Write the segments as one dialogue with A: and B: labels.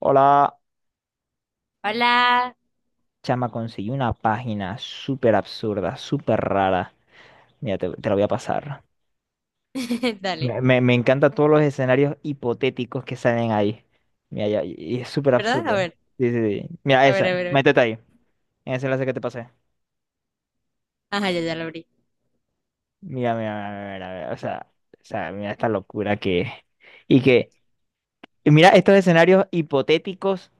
A: Hola,
B: Hola.
A: chama, conseguí una página súper absurda, súper rara. Mira, te la voy a pasar.
B: Dale.
A: Me encantan todos los escenarios hipotéticos que salen ahí. Mira, ya- y es súper
B: ¿Verdad? A
A: absurdo.
B: ver,
A: Sí, sí, sí. Mira,
B: a ver,
A: esa,
B: a ver, a ver.
A: métete ahí, en ese enlace que te pasé.
B: Ajá, ya, ya lo abrí.
A: Mira, mira, mira, mira, mira, o sea, mira esta locura que, y mira estos escenarios hipotéticos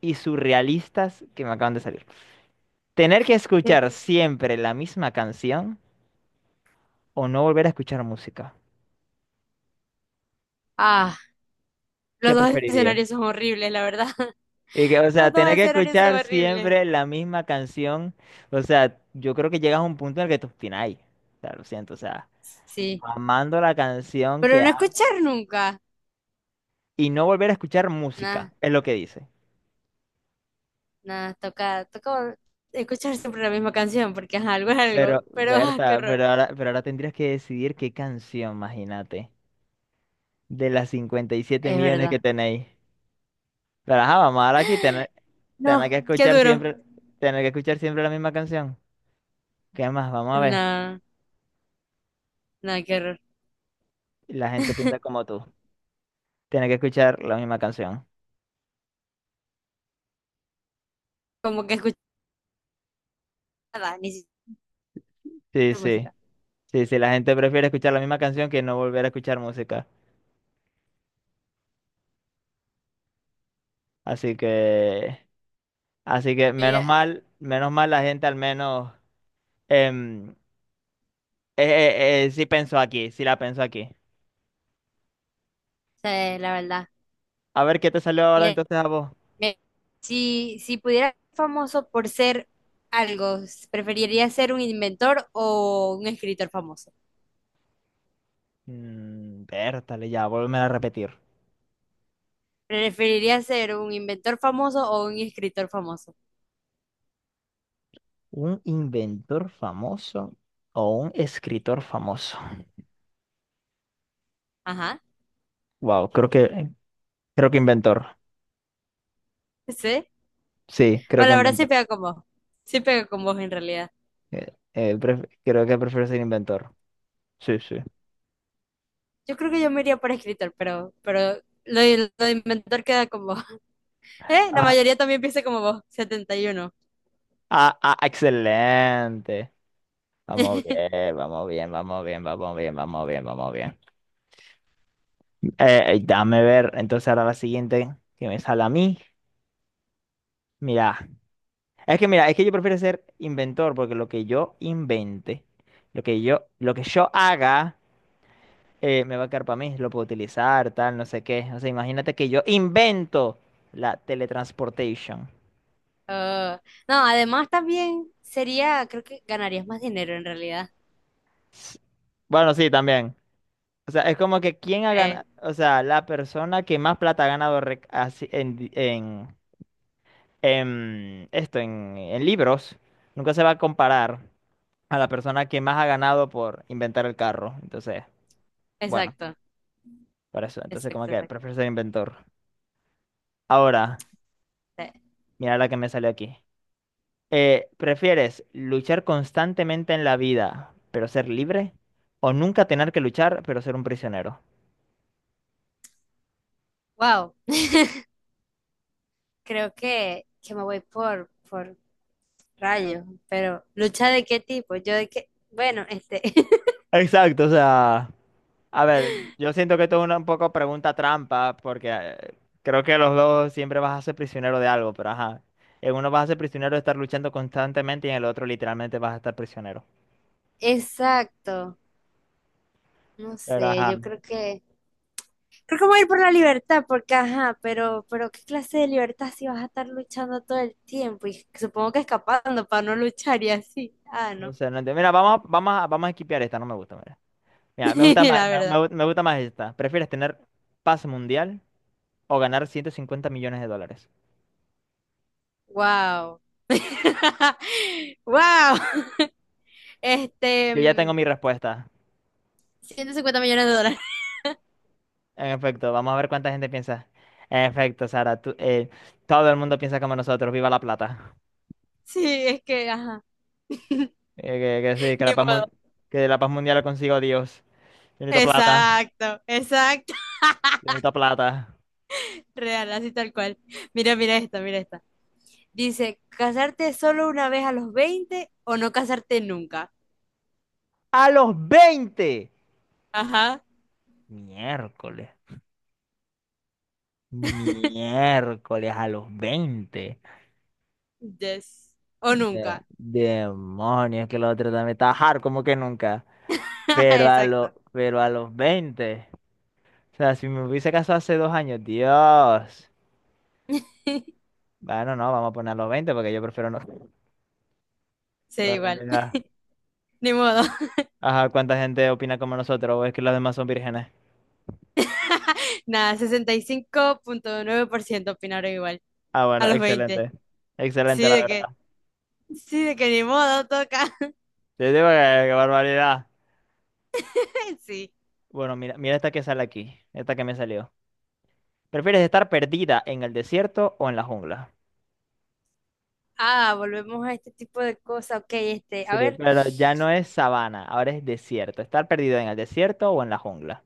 A: y surrealistas que me acaban de salir. Tener que escuchar siempre la misma canción o no volver a escuchar música.
B: Ah, los
A: ¿Qué
B: dos escenarios
A: preferirías?
B: son horribles, la verdad.
A: Y que, o sea,
B: Los dos
A: tener que
B: escenarios son
A: escuchar
B: horribles.
A: siempre la misma canción. O sea, yo creo que llegas a un punto en el que te obstináis. O sea, lo siento, o sea,
B: Sí.
A: amando la canción
B: Pero
A: que
B: no
A: ha...
B: escuchar nunca.
A: y no volver a escuchar música,
B: Nada,
A: es lo que dice.
B: nada. Toca, toca escuchar siempre la misma canción porque ajá, algo es
A: Pero,
B: algo. Pero ah, qué
A: Berta,
B: horror.
A: pero ahora tendrías que decidir qué canción, imagínate, de las 57
B: Es
A: millones que
B: verdad.
A: tenéis. Pero ajá, vamos ahora aquí, tener, tener
B: No,
A: que
B: qué
A: escuchar
B: duro.
A: siempre, tener que escuchar siempre la misma canción. ¿Qué más? Vamos a ver.
B: No, no, qué horror.
A: La gente piensa como tú. Tiene que escuchar la misma canción.
B: Como que escuchar nada, ni siquiera
A: Sí, sí.
B: música.
A: Sí, sí, la gente prefiere escuchar la misma canción que no volver a escuchar música. Así que, así que
B: Mira,
A: menos mal la gente al menos em, eh, sí pensó aquí, sí la pensó aquí.
B: sí, la verdad.
A: A ver, ¿qué te salió ahora entonces a vos?
B: Me- si pudiera ser famoso por ser algo, ¿preferiría ser un inventor o un escritor famoso?
A: Vértale ya, vuélveme a repetir.
B: ¿Preferiría ser un inventor famoso o un escritor famoso?
A: ¿Un inventor famoso o un escritor famoso?
B: Ajá,
A: Wow, creo que inventor.
B: sí.
A: Sí, creo
B: Bueno,
A: que
B: la verdad sí
A: inventor.
B: pega con vos. Sí pega con vos en realidad.
A: Pref- creo que prefiero ser inventor. Sí, sí.
B: Yo creo que yo me iría por escritor, pero lo de inventor queda con vos. ¿Eh? La
A: Ah,
B: mayoría también piensa como vos, 71.
A: ah, ah, excelente. Vamos bien, vamos bien, vamos bien, vamos bien, vamos bien, vamos bien. Dame ver, entonces ahora la siguiente que me sale a mí. Mira, mira, es que yo prefiero ser inventor porque lo que yo invente, lo que yo haga, me va a quedar para mí, lo puedo utilizar, tal, no sé qué. O sea, imagínate que yo invento la teletransportation.
B: Ah, no, además también sería, creo que ganarías más dinero en realidad.
A: S- Bueno, sí, también. O sea, es como que quién ha
B: Eh,
A: ganado, o sea, la persona que más plata ha ganado rec- así di- en esto, en libros, nunca se va a comparar a la persona que más ha ganado por inventar el carro. Entonces, bueno,
B: exacto.
A: por eso. Entonces, como
B: Exacto,
A: que
B: exacto.
A: prefiero ser inventor. Ahora, mira la que me salió aquí. ¿Prefieres luchar constantemente en la vida, pero ser libre? ¿O nunca tener que luchar, pero ser un prisionero?
B: Wow, creo que me voy por rayos, pero ¿lucha de qué tipo? Yo de qué, bueno, este,
A: Exacto, o sea. A ver, yo siento que esto es una un poco pregunta trampa, porque creo que los dos siempre vas a ser prisionero de algo, pero ajá. En uno vas a ser prisionero de estar luchando constantemente y en el otro literalmente vas a estar prisionero.
B: exacto, no
A: Pero
B: sé,
A: ajá,
B: yo creo que voy a ir por la libertad, porque ajá, pero ¿qué clase de libertad si vas a estar luchando todo el tiempo? Y supongo que escapando para no luchar y así, ah,
A: no
B: no,
A: sé, no entiendo. Mira, vamos, a- vamos, a- vamos a esquipear esta, no me gusta, mira. Mira, me gusta más,
B: la
A: me
B: verdad,
A: gu- me gusta más esta. ¿Prefieres tener paz mundial o ganar 150 millones de dólares?
B: wow, wow, este,
A: Yo ya tengo mi respuesta.
B: 150 millones de dólares,
A: En efecto, vamos a ver cuánta gente piensa. En efecto, Sara, tú- todo el mundo piensa como nosotros. Viva la plata.
B: sí, es que, ajá,
A: Eh, que sí, que la
B: ni
A: paz,
B: modo.
A: mun- que la paz mundial la consigo Dios. Yo necesito plata,
B: Exacto, exacto,
A: yo necesito plata.
B: real, así tal cual. Mira, mira esta, mira esta. Dice, ¿casarte solo una vez a los 20 o no casarte nunca?
A: ¡A los 20
B: Ajá,
A: Miércoles. Miércoles a los 20
B: yes. O
A: De-
B: nunca.
A: demonios, que la otra también está hard como que nunca. Pero a,
B: Exacto.
A: lo, pero a los 20 O sea, si me hubiese casado hace dos años, Dios. Bueno, no, vamos a poner a los 20 porque yo prefiero no. Qué
B: Sí, igual.
A: barbaridad.
B: Ni modo.
A: Ajá, ¿cuánta gente opina como nosotros? ¿O es que los demás son vírgenes?
B: Nada, 65,9% opinaron igual.
A: Ah,
B: A
A: bueno,
B: los 20.
A: excelente. Excelente,
B: Sí,
A: la
B: de que,
A: verdad.
B: sí, de que ni modo toca.
A: Te digo que qué barbaridad.
B: Sí.
A: Bueno, mira, mira esta que sale aquí. Esta que me salió. ¿Prefieres estar perdida en el desierto o en la jungla?
B: Ah, volvemos a este tipo de cosas. Ok, este, a
A: Sí,
B: ver.
A: pero ya no es sabana, ahora es desierto. ¿Estar perdido en el desierto o en la jungla?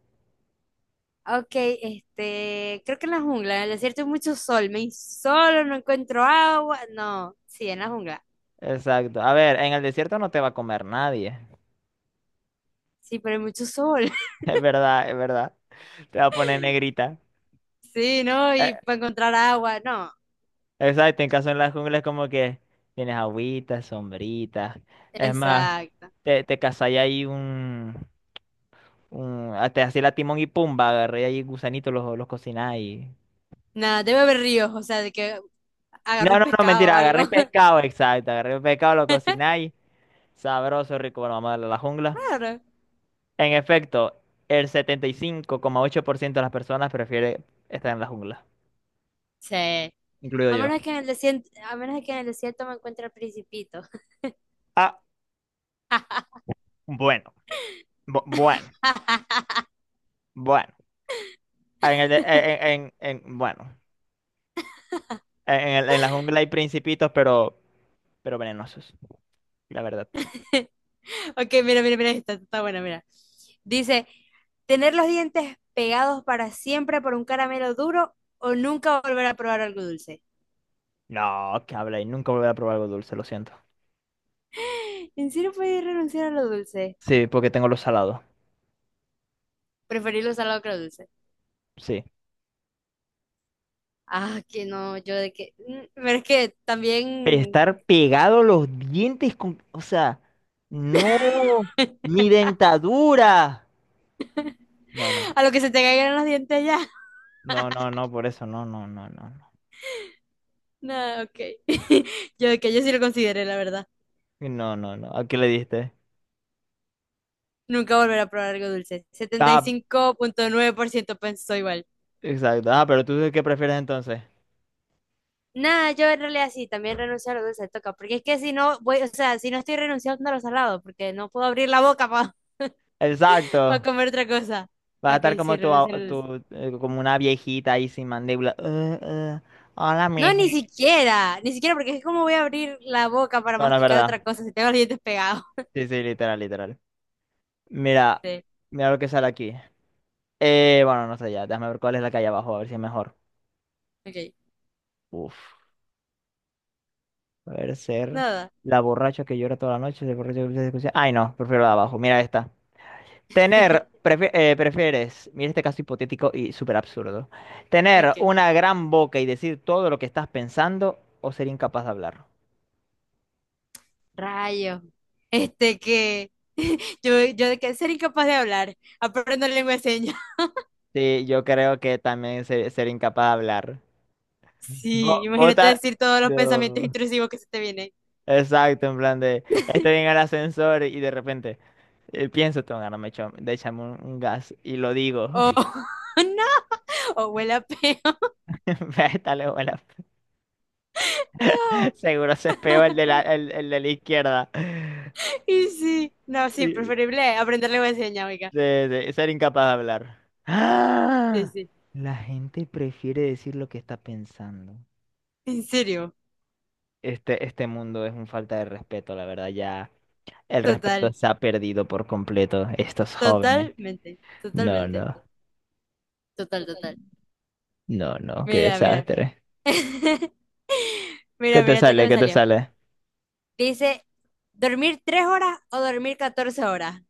B: Ok, este, creo que en la jungla, en el desierto hay mucho sol, me insolo, no encuentro agua, no, sí, en la jungla,
A: Exacto. A ver, en el desierto no te va a comer nadie.
B: sí, pero hay mucho sol,
A: Es verdad, es verdad. Te va a poner negrita.
B: sí, ¿no? Y
A: Eh,
B: para encontrar agua, no,
A: exacto, en caso en la jungla es como que tienes agüitas, sombritas. Es más,
B: exacto,
A: te cazai ahí un, Mm, hasta así la Timón y Pumba, agarré ahí gusanitos, los cocináis.
B: nada, debe haber ríos, o sea, de que agarro
A: No,
B: un
A: no, no,
B: pescado o
A: mentira,
B: algo,
A: agarré pescado, exacto, agarré pescado, lo cocináis. Sabroso, rico, bueno, vamos a darle a la jungla.
B: claro,
A: En efecto, el setenta y cinco coma ocho por ciento de las personas prefiere estar en la jungla,
B: sí, a
A: incluido yo.
B: menos que en el desierto, a menos que en el desierto me encuentre el principito,
A: Ah, bueno, bu- bueno, bueno. En el de- en- bueno, en el- en la jungla hay principitos, pero venenosos, la verdad.
B: Ok, mira, mira, mira, esta está buena, mira. Dice, tener los dientes pegados para siempre por un caramelo duro o nunca volver a probar algo dulce.
A: No, que habla y nunca volveré a probar algo dulce, lo siento.
B: ¿En serio puedes renunciar a lo dulce?
A: Sí, porque tengo los salados.
B: Preferir lo salado que lo dulce.
A: Sí.
B: Ah, que no, yo de que... pero es que también
A: Estar pegado los dientes con... O sea, no, mi dentadura. No, no,
B: a lo que se te caigan los dientes ya.
A: no, por eso, no, no, no, no, no.
B: No, ok. Yo de que yo sí lo consideré, la verdad.
A: No, no, no. ¿A qué le diste?
B: Nunca volver a probar algo dulce. Setenta y
A: Ah,
B: cinco punto nueve por ciento. pensó igual.
A: exacto. Ah, pero tú qué prefieres entonces.
B: Nada, yo en realidad sí, también renuncio a lo dulce, toca, porque es que si no voy, o sea, si no estoy renunciando a lo salado, porque no puedo abrir la boca para
A: Exacto.
B: comer otra cosa.
A: Vas a
B: Ok,
A: estar
B: sí,
A: como tu, a-
B: renuncio a lo
A: tu,
B: dulce.
A: como una viejita ahí sin mandíbula. Hola,
B: No,
A: mija.
B: ni siquiera, ni siquiera, porque es como voy a abrir la boca para
A: No, no, es
B: masticar
A: verdad.
B: otra cosa si tengo los dientes pegados.
A: Sí, sí, literal, literal. Mira,
B: Sí,
A: mira lo que sale aquí. Bueno, no sé ya. Déjame ver cuál es la que hay abajo, a ver si es mejor.
B: ok,
A: Uf. Poder ser
B: nada.
A: la borracha que llora toda la noche, el borracho que empieza a Ay, no, prefiero la de abajo. Mira esta. Tener, prefi- prefieres, mira este caso hipotético y súper absurdo. Tener
B: Ok,
A: una gran boca y decir todo lo que estás pensando o ser incapaz de hablar.
B: rayo. Este que yo de que ser incapaz de hablar, aprendo lengua de señas.
A: Sí, yo creo que también ser incapaz de hablar.
B: Sí,
A: Bo-
B: imagínate
A: Bota.
B: decir todos los pensamientos
A: No.
B: intrusivos que se te vienen.
A: Exacto, en plan de. Estoy en el ascensor y de repente. Pienso, tengo ganas, me echo, de echarme un gas y lo digo.
B: Oh, no. O huele a peo.
A: Está
B: No.
A: Seguro se espeó el de la, el de la izquierda.
B: Y sí, no, sí,
A: Y
B: preferible aprender lengua de señas, oiga.
A: De ser incapaz de hablar.
B: Sí,
A: ¡Ah!
B: sí,
A: La gente prefiere decir lo que está pensando.
B: en serio,
A: Este mundo es un falta de respeto, la verdad. Ya el respeto
B: total,
A: se ha perdido por completo. Estos jóvenes.
B: totalmente,
A: No,
B: totalmente,
A: no,
B: total, total.
A: no, no. Qué
B: Mira, mira.
A: desastre. ¿Qué
B: Mira,
A: te
B: mira, esto que
A: sale?
B: me
A: ¿Qué te
B: salió.
A: sale?
B: Dice, ¿dormir 3 horas o dormir 14 horas?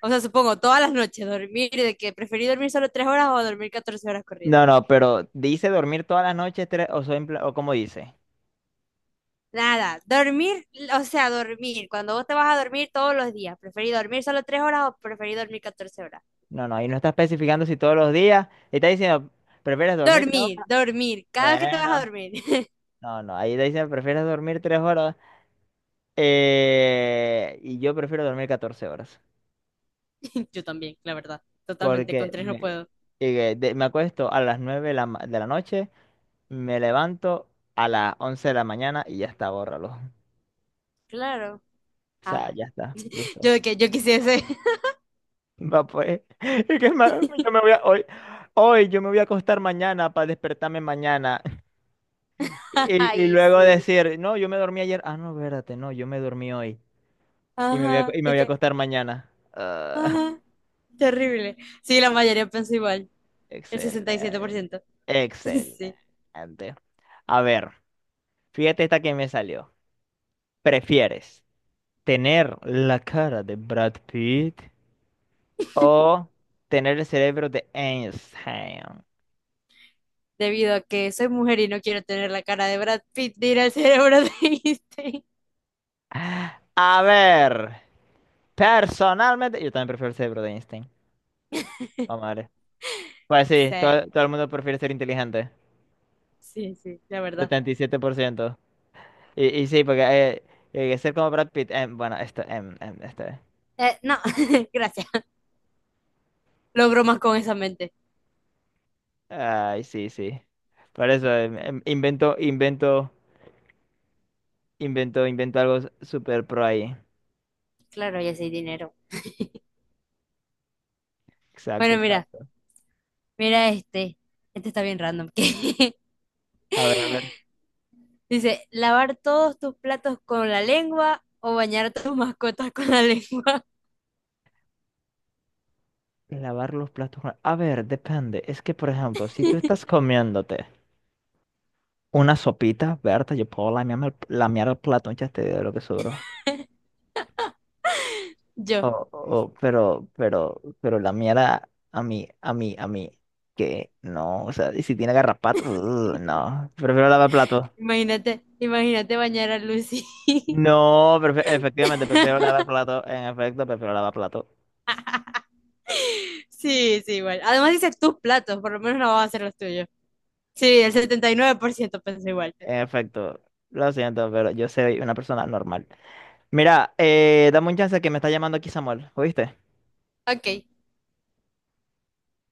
B: O sea, supongo, todas las noches, dormir, de que preferí dormir solo 3 horas o dormir 14 horas corridas.
A: No, no, pero ¿dice dormir toda la noche tres- o, soy empla- o cómo dice?
B: Nada, dormir, o sea, dormir. Cuando vos te vas a dormir todos los días, ¿preferís dormir solo 3 horas o preferís dormir 14 horas?
A: No, no, ahí no está especificando si todos los días. Está diciendo, ¿prefieres dormir tres
B: Dormir, dormir, cada vez que te vas a
A: Bueno,
B: dormir.
A: no, no, ahí dicen, ¿prefieres dormir tres horas? Y yo prefiero dormir 14 horas,
B: Yo también, la verdad. Totalmente, con
A: porque
B: tres no
A: me,
B: puedo.
A: de- me acuesto a las 9 de la, ma- de la noche, me levanto a las 11 de la mañana y ya está, bórralo.
B: Claro.
A: O sea,
B: Ah,
A: ya está,
B: yo
A: listo.
B: de que yo quisiese.
A: Va pues, es que ma- yo me voy a, hoy, hoy yo me voy a acostar mañana para despertarme mañana y
B: Ay,
A: luego
B: sí.
A: decir, no, yo me dormí ayer, ah, no, espérate, no, yo me dormí hoy y me voy a,
B: Ajá,
A: y me
B: de
A: voy a
B: que,
A: acostar mañana. Ah.
B: ajá, terrible. Sí, la mayoría pensó igual, el sesenta y siete por
A: Excelente.
B: ciento Sí,
A: Excelente. A ver, fíjate esta que me salió. ¿Prefieres tener la cara de Brad Pitt o tener el cerebro de Einstein?
B: debido a que soy mujer y no quiero tener la cara de Brad Pitt, dirá el cerebro de Einstein.
A: A ver, personalmente, yo también prefiero el cerebro de Einstein. Vamos a ver. Pues sí,
B: Sí,
A: todo el mundo prefiere ser inteligente.
B: sí, sí, la verdad.
A: 77%. Y, siete por ciento. Y sí, porque ser como Brad Pitt, bueno, esto, esto.
B: No, gracias. Logro más con esa mente.
A: Ay, sí, sí. Por eso invento, invento, invento, invento algo s- super pro ahí.
B: Claro, ya sé dinero.
A: Exacto,
B: Bueno, mira,
A: exacto.
B: mira este. Este está bien random. Que
A: A ver, a ver.
B: dice, lavar todos tus platos con la lengua o bañar a tus mascotas con la lengua.
A: Lavar los platos. Con- A ver, depende. Es que, por ejemplo, si tú estás comiéndote una sopita, Berta, yo puedo lamearme el, lamear el plato, ya te digo lo que sobró. O,
B: Yo,
A: o, pero lamear a, a mí, que no. O sea, y si tiene garrapatas, ugh, no. Prefiero lavar platos.
B: imagínate, imagínate bañar a Lucy.
A: No, prefe- efectivamente, prefiero lavar plato. En efecto, prefiero lavar plato.
B: Sí, sí, igual. Además dice tus platos, por lo menos no vas a hacer los tuyos. Sí, el 79% pensó igual.
A: En efecto, lo siento, pero yo soy una persona normal. Mira, dame un chance que me está llamando aquí Samuel, ¿oíste?
B: Ok.